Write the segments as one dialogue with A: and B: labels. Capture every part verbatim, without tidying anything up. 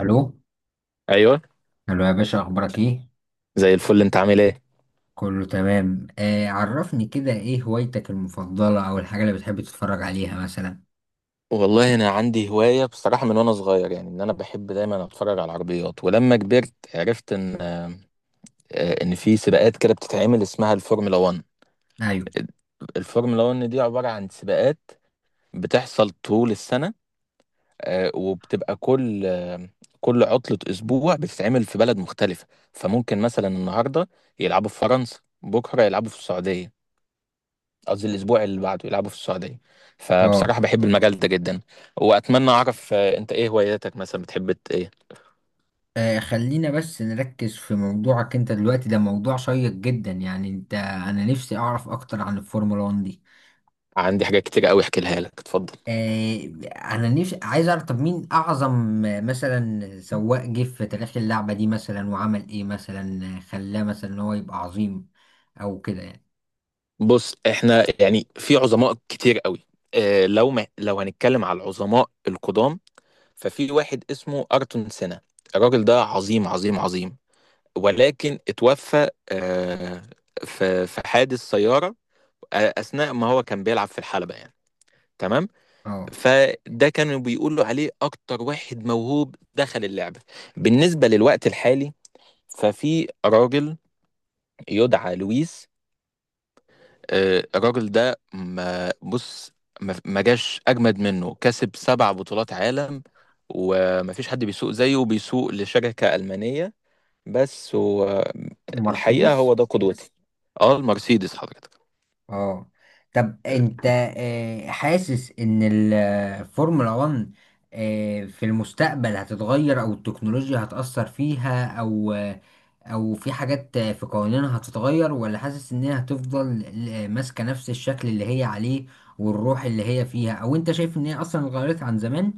A: الو.
B: ايوه.
A: الو يا باشا، اخبارك ايه؟
B: زي الفل، انت عامل ايه؟
A: كله تمام. آه عرفني كده، ايه هوايتك المفضله او الحاجه اللي بتحب تتفرج عليها مثلا؟
B: والله انا عندي هوايه بصراحه من وانا صغير، يعني ان انا بحب دايما اتفرج على العربيات، ولما كبرت عرفت ان آه، ان في سباقات كده بتتعمل اسمها الفورمولا واحد.
A: ايوه.
B: الفورمولا واحد دي عباره عن سباقات بتحصل طول السنه، آه، وبتبقى كل آه، كل عطله اسبوع بتتعمل في بلد مختلفه. فممكن مثلا النهارده يلعبوا في فرنسا، بكره يلعبوا في السعوديه، قصدي الاسبوع اللي بعده يلعبوا في السعوديه.
A: اه.
B: فبصراحه بحب المجال ده جدا، واتمنى اعرف آه، انت ايه هواياتك، مثلا بتحب ت- ايه؟
A: آه، خلينا بس نركز في موضوعك انت دلوقتي، ده موضوع شيق جدا. يعني انت، انا نفسي اعرف اكتر عن الفورمولا واحد دي.
B: عندي حاجات كتير قوي احكي لها لك، اتفضل.
A: آه، انا نفسي عايز اعرف، طب مين اعظم آه، مثلا سواق جه في تاريخ اللعبه دي، مثلا وعمل ايه مثلا آه، خلاه مثلا ان هو يبقى عظيم او كده يعني.
B: بص احنا يعني في عظماء كتير قوي. اه لو ما لو هنتكلم على العظماء القدام، ففي واحد اسمه ارتون سينا. الراجل ده عظيم عظيم عظيم، ولكن اتوفى اه في في حادث سياره، آه، اثناء ما هو كان بيلعب في الحلبه يعني. تمام.
A: اه،
B: فده كانوا بيقولوا عليه اكتر واحد موهوب دخل اللعبة. بالنسبة للوقت الحالي ففي راجل يدعى لويس. آه، الراجل ده ما بص ما ما جاش اجمد منه، كسب سبع بطولات عالم، وما فيش حد بيسوق زيه، وبيسوق لشركة ألمانية، بس هو الحقيقة هو
A: مرسيدس.
B: ده قدوتي. اه المرسيدس حضرتك.
A: اه. طب انت آه، حاسس ان الفورمولا واحد آه، في المستقبل هتتغير، او التكنولوجيا هتأثر فيها، او آه، او في حاجات آه، في قوانينها هتتغير، ولا حاسس ان هي هتفضل آه، ماسكة نفس الشكل اللي هي عليه والروح اللي هي فيها؟ او انت شايف ان هي اصلا اتغيرت عن زمان؟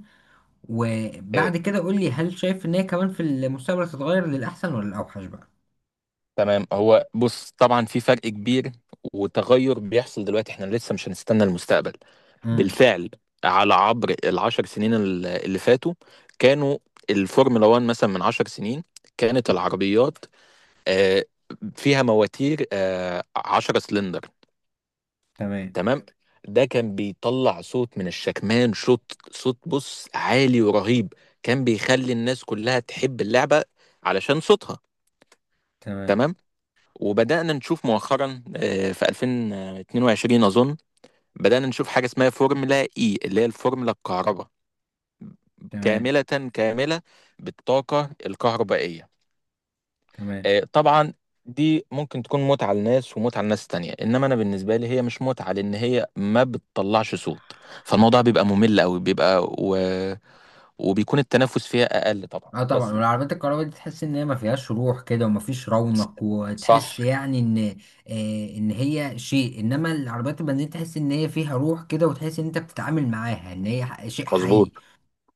B: آه،
A: وبعد كده قول لي، هل شايف ان هي كمان في المستقبل هتتغير للأحسن ولا الأوحش بقى؟
B: تمام، هو بص طبعا في فرق كبير، وتغير بيحصل دلوقتي، احنا لسه مش هنستنى المستقبل.
A: امم،
B: بالفعل، على عبر العشر سنين ال- اللي فاتوا كانوا الفورمولا واحد مثلا من عشر سنين كانت العربيات آه، فيها مواتير آه، عشرة سلندر.
A: تمام،
B: تمام. ده كان بيطلع صوت من الشكمان، صوت صوت بص عالي ورهيب، كان بيخلي الناس كلها تحب اللعبة علشان صوتها.
A: تمام،
B: تمام. وبدأنا نشوف مؤخرا آه، في ألفين واثنين وعشرين أظن، بدأنا نشوف حاجة اسمها فورمولا إي، اللي هي الفورمولا الكهرباء
A: تمام،
B: كاملة، كاملة بالطاقة الكهربائية.
A: تمام.
B: آه، طبعا دي ممكن تكون متعة لناس ومتعة لناس تانية، إنما أنا بالنسبة لي هي مش متعة، لأن هي ما بتطلعش صوت، فالموضوع بيبقى ممل أوي، بيبقى و... وبيكون التنافس فيها أقل طبعا،
A: اه طبعا.
B: بس
A: والعربيات الكهرباء دي تحس ان هي ما فيهاش روح كده وما فيش رونق، وتحس
B: صح،
A: يعني ان آه ان هي شيء. انما العربيات البنزين تحس ان هي فيها روح كده، وتحس ان انت بتتعامل معاها ان هي ح- شيء
B: مظبوط،
A: حي.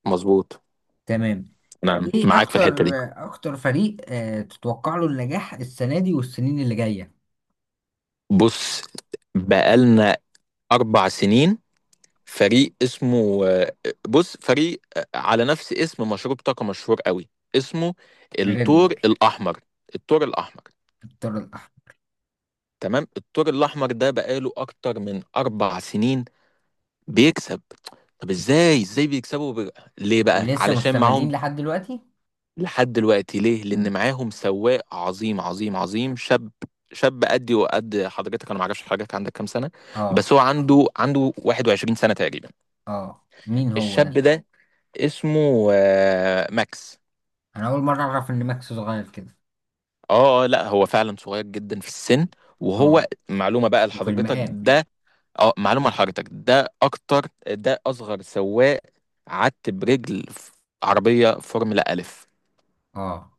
B: مظبوط.
A: تمام.
B: نعم
A: ايه
B: معاك في
A: اكتر؟
B: الحتة دي.
A: اكتر فريق آه تتوقع له النجاح السنة دي والسنين اللي جاية؟
B: بص بقالنا أربع سنين، فريق اسمه، آه، بص فريق آه، على نفس اسم مشروب طاقة مشهور قوي، اسمه
A: ريد
B: الثور
A: بول.
B: الأحمر. الثور الأحمر،
A: الطر الاحمر.
B: تمام، الثور الأحمر ده بقاله أكتر من أربع سنين بيكسب. طب ازاي ازاي بيكسبوا ب... ليه بقى؟
A: ولسه
B: علشان
A: مستمرين
B: معاهم،
A: لحد دلوقتي.
B: لحد دلوقتي، ليه؟
A: مم.
B: لأن معاهم سواق عظيم عظيم عظيم شاب، شاب قدي وقد حضرتك، انا ما اعرفش حضرتك عندك كام سنه،
A: اه.
B: بس هو عنده عنده واحد وعشرين سنه تقريبا.
A: اه، مين هو
B: الشاب
A: ده؟
B: ده اسمه آه، ماكس.
A: انا اول مرة اعرف ان ماكس صغير كده.
B: اه آه، لا هو فعلا صغير جدا في السن، وهو
A: اه.
B: معلومة بقى
A: وفي
B: لحضرتك
A: المقام.
B: ده. اه معلومة لحضرتك، ده اكتر، ده اصغر سواق عدت برجل في عربية فورمولا الف،
A: اه.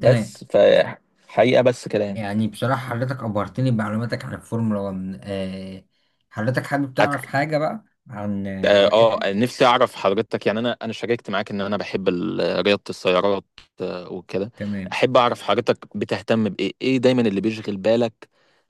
A: تمام،
B: ف حقيقة بس كده يعني.
A: يعني بصراحة حضرتك أبهرتني بمعلوماتك عن الفورمولا واحد. آه، حضرتك حابب تعرف
B: أك-
A: حاجة بقى عن آه،
B: اه آه،
A: هواياتي؟
B: نفسي اعرف حضرتك، يعني انا انا شاركت معاك ان انا بحب ال- رياضة السيارات آه، وكده،
A: تمام.
B: احب اعرف حضرتك بتهتم بايه، ايه دايما اللي بيشغل بالك،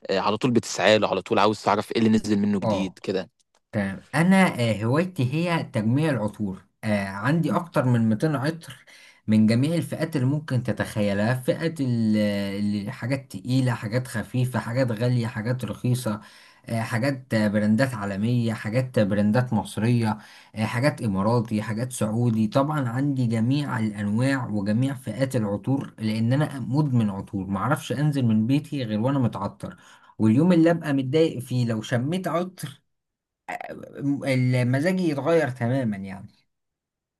B: آه، على طول بتسعاله، على طول عاوز تعرف ايه اللي نزل منه
A: اه.
B: جديد كده.
A: تمام. انا آه، هوايتي هي تجميع العطور. آه، عندي اكتر من مئتين عطر من جميع الفئات اللي ممكن تتخيلها. فئات ال- ال- حاجات تقيلة، حاجات خفيفة، حاجات غالية، حاجات رخيصة، آه، حاجات آه، براندات عالمية، حاجات آه، براندات مصرية، آه، حاجات إماراتي، حاجات سعودي. طبعا عندي جميع الأنواع وجميع فئات العطور، لأن أنا مدمن عطور، معرفش أنزل من بيتي غير وأنا متعطر. واليوم اللي أبقى متضايق فيه لو شميت عطر، المزاجي يتغير تماما يعني.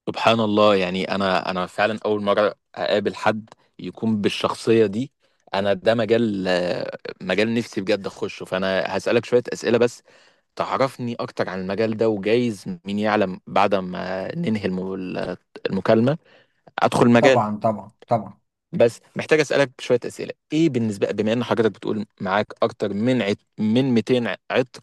B: سبحان الله، يعني انا انا فعلا اول مره اقابل حد يكون بالشخصيه دي. انا ده مجال، آه، مجال نفسي بجد اخشه، فانا هسالك شويه اسئله بس تعرفني اكتر عن المجال ده، وجايز مين يعلم بعد ما ننهي الم- المكالمه ادخل المجال.
A: طبعا، طبعا، طبعا.
B: بس محتاج اسالك شويه اسئله. ايه بالنسبه بما ان حضرتك بتقول معاك اكتر من عت... من ميتين عطر،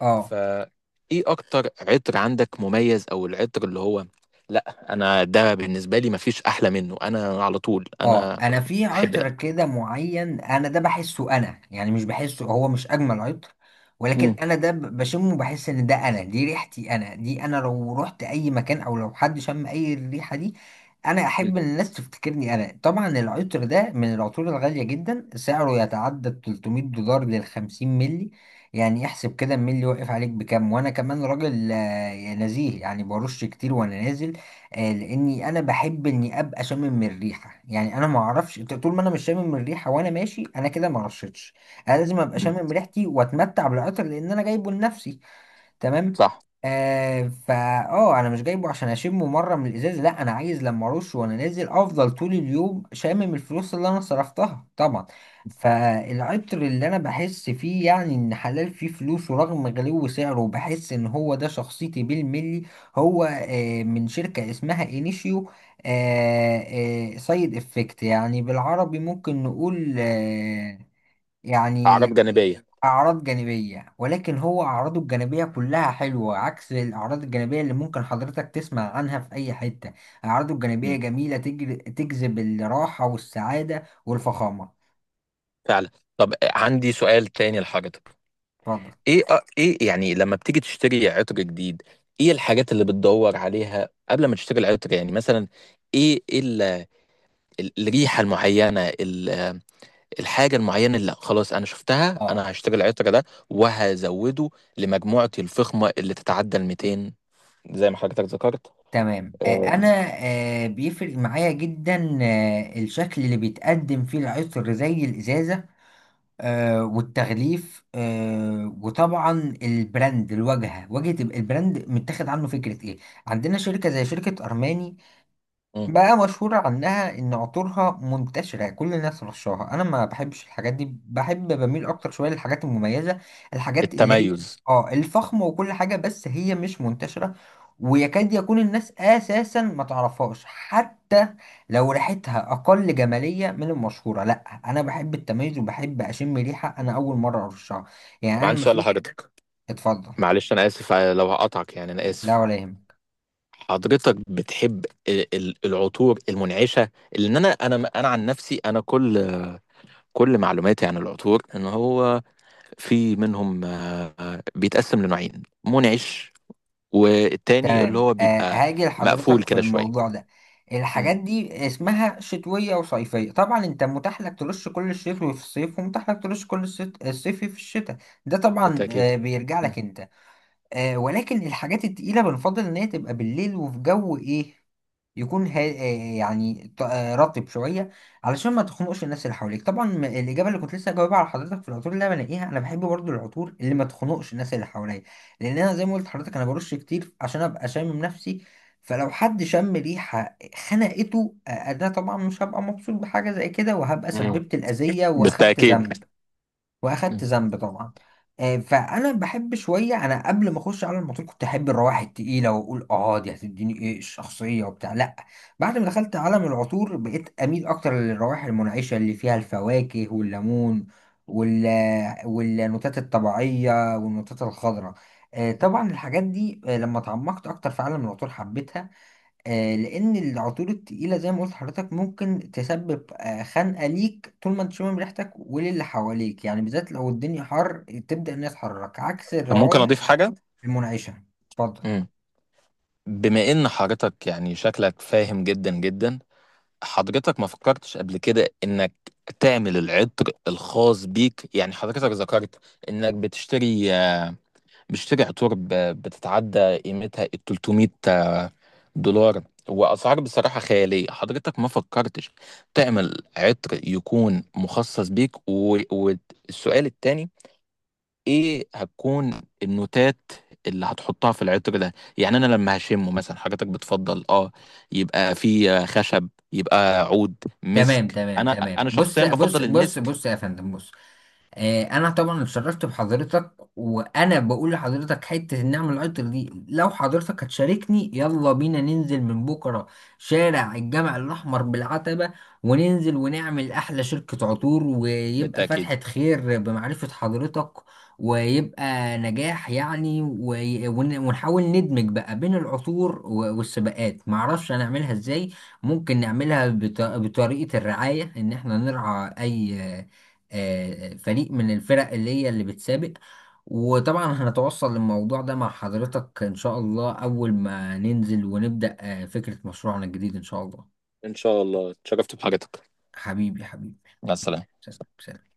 A: اه.
B: فايه اكتر عطر عندك مميز؟ او العطر اللي هو لا، انا ده بالنسبه لي مفيش احلى منه، انا على طول
A: اه
B: انا
A: انا في
B: بحب ده.
A: عطر كده معين انا ده بحسه انا، يعني مش بحسه هو مش اجمل عطر، ولكن
B: امم.
A: انا ده ب- بشمه بحس ان ده انا، دي ريحتي انا، دي انا. لو رحت اي مكان او لو حد شم اي الريحة دي، انا
B: إمم،
A: احب ان الناس تفتكرني انا. طبعا العطر ده من العطور الغالية جدا، سعره يتعدى ال ثلاثمية دولار لل خمسين ملي. يعني احسب كده الملي واقف عليك بكام. وانا كمان راجل آه، نزيه، يعني برش كتير وانا نازل، آه، لاني انا بحب اني ابقى شامم الريحه. يعني انا ما اعرفش ط- طول ما انا مش شامم الريحه وانا ماشي، انا كده ما رشتش. انا لازم ابقى
B: إمم،
A: شامم ريحتي واتمتع بالعطر لان انا جايبه لنفسي. تمام.
B: صح،
A: آه فا. اه انا مش جايبه عشان اشمه مره من الازاز، لا انا عايز لما ارش وانا نازل افضل طول اليوم شامم الفلوس اللي انا صرفتها طبعا. فالعطر اللي انا بحس فيه يعني ان حلال فيه فلوس، ورغم غلو سعره بحس ان هو ده شخصيتي بالملي. هو آه من شركه اسمها انيشيو. آه آه سايد افكت، يعني بالعربي ممكن نقول آه
B: اعراض
A: يعني،
B: جانبيه.
A: أعراض جانبية. ولكن هو أعراضه الجانبية كلها حلوة، عكس الأعراض الجانبية اللي ممكن حضرتك تسمع عنها في أي حتة. أعراضه الجانبية
B: مم.
A: جميلة، تجر... تجذب الراحة والسعادة والفخامة.
B: فعلا. طب عندي سؤال تاني لحضرتك.
A: اتفضل.
B: ايه أ- ايه يعني لما بتيجي تشتري عطر جديد، ايه الحاجات اللي بتدور عليها قبل ما تشتري العطر؟ يعني مثلا ايه ال- ال- الريحه المعينه، الحاجة المعينة اللي لأ، خلاص أنا شفتها،
A: اه.
B: أنا هاشتري العطر ده وهزوده لمجموعتي الفخمة اللي تتعدى ال ميتين، زي ما حضرتك ذكرت.
A: تمام. آه،
B: آه،
A: أنا آه، بيفرق معايا جدا آه، الشكل اللي بيتقدم فيه العطر زي الإزازة آه، والتغليف آه، وطبعا البراند، الواجهة، واجهة البراند متاخد عنه فكرة إيه. عندنا شركة زي شركة أرماني
B: مم.
A: بقى، مشهورة عنها إن عطورها منتشرة كل الناس رشاها. أنا ما بحبش الحاجات دي، بحب بميل أكتر شوية للحاجات المميزة، الحاجات اللي هي
B: التميز.
A: آه الفخمة وكل حاجة، بس هي مش منتشرة، ويكاد يكون الناس أساسا ما تعرفهاش حتى. لو ريحتها أقل جمالية من المشهورة، لأ أنا بحب التميز، وبحب أشم ريحة أنا أول مرة أرشها. يعني
B: طب
A: أنا
B: عندي سؤال
A: مفيش.
B: لحضرتك،
A: اتفضل.
B: معلش أنا آسف، آه، لو هقطعك يعني أنا
A: لا
B: آسف.
A: ولا يهمك.
B: حضرتك بتحب ال- ال- العطور المنعشة؟ لأن أنا أنا أنا عن نفسي أنا كل، كل معلوماتي عن العطور إن هو في منهم آه، آه، بيتقسم لنوعين، منعش والتاني اللي هو
A: آه،
B: بيبقى
A: هاجي
B: مقفول
A: لحضرتك في
B: كده شوية.
A: الموضوع ده.
B: مم.
A: الحاجات دي اسمها شتوية وصيفية. طبعا انت متاح لك ترش كل الشتوي في الصيف، ومتاح لك ترش كل الصيت- الصيفي في الشتاء. ده طبعا
B: بالتأكيد.
A: آه، بيرجع
B: مم.
A: لك انت. آه ولكن الحاجات التقيلة بنفضل إن هي تبقى بالليل وفي جو إيه، يكون ها آه يعني ط- آه رطب شوية، علشان ما تخنقش الناس اللي حواليك. طبعا م- الإجابة اللي كنت لسه جاوبها على حضرتك في العطور اللي أنا بلاقيها، أنا بحب برضو العطور اللي ما تخنقش الناس اللي حواليا، لأن أنا زي ما قلت لحضرتك أنا برش كتير عشان أبقى شامم نفسي. فلو حد شم ريحة خنقته، آه، أنا طبعا مش هبقى مبسوط بحاجة زي كده، وهبقى
B: مم.
A: سببت الأذية وأخدت
B: بالتأكيد.
A: ذنب. واخدت
B: مم.
A: ذنب طبعا. آه، فانا بحب شويه. انا قبل ما اخش على الموتور كنت احب الروائح التقيله، واقول اه دي هتديني ايه الشخصيه وبتاع، لا. بعد ما دخلت عالم العطور بقيت اميل اكتر للروائح المنعشه اللي فيها الفواكه والليمون وال والنوتات الطبيعيه والنوتات الخضراء. آه، طبعا الحاجات دي آه، لما تعمقت اكتر في عالم العطور حبيتها. آه، لان العطور التقيله زي ما قلت لحضرتك ممكن تسبب آه، خنقه ليك طول ما انت شامم ريحتك وللي حواليك، يعني بالذات لو الدنيا حر، تبدا الناس تحرك عكس
B: طب ممكن أضيف
A: الروائح
B: حاجة؟
A: المنعشه. اتفضل.
B: مم. بما إن حضرتك يعني شكلك فاهم جدا جدا، حضرتك ما فكرتش قبل كده إنك تعمل العطر الخاص بيك؟ يعني حضرتك ذكرت إنك بتشتري آه، بتشتري عطور ب- بتتعدى قيمتها ال ثلاث مية آه، دولار، وأسعار بصراحة خيالية. حضرتك ما فكرتش تعمل عطر يكون مخصص بيك و- والسؤال التاني، ايه هتكون النوتات اللي هتحطها في العطر ده؟ يعني انا لما هشمه مثلا، حضرتك بتفضل اه يبقى فيه خشب، يبقى عود،
A: تمام،
B: مسك؟
A: تمام،
B: انا
A: تمام.
B: انا
A: بص،
B: شخصيا
A: بص،
B: بفضل
A: بص،
B: المسك.
A: بص، يا فندم، بص، آه، انا طبعا اتشرفت بحضرتك. وانا بقول لحضرتك حته النعمه العطر دي، لو حضرتك هتشاركني يلا بينا ننزل من بكره شارع الجامع الاحمر بالعتبه، وننزل ونعمل احلى شركه عطور، ويبقى
B: بالتاكيد.
A: فتحه خير بمعرفه حضرتك، ويبقى نجاح يعني. وي- ون- ونحاول ندمج بقى بين العطور و- والسباقات، معرفش هنعملها ازاي. ممكن نعملها بط- بطريقه الرعايه، ان احنا نرعى اي آه، فريق من الفرق اللي هي اللي بتسابق. وطبعا هنتوصل للموضوع ده مع حضرتك إن شاء الله أول ما ننزل ونبدأ آه، فكرة مشروعنا الجديد إن شاء الله.
B: ان شاء الله، اتشرفت بحضرتك.
A: حبيبي حبيبي.
B: مع السلامه.
A: سلام سلام.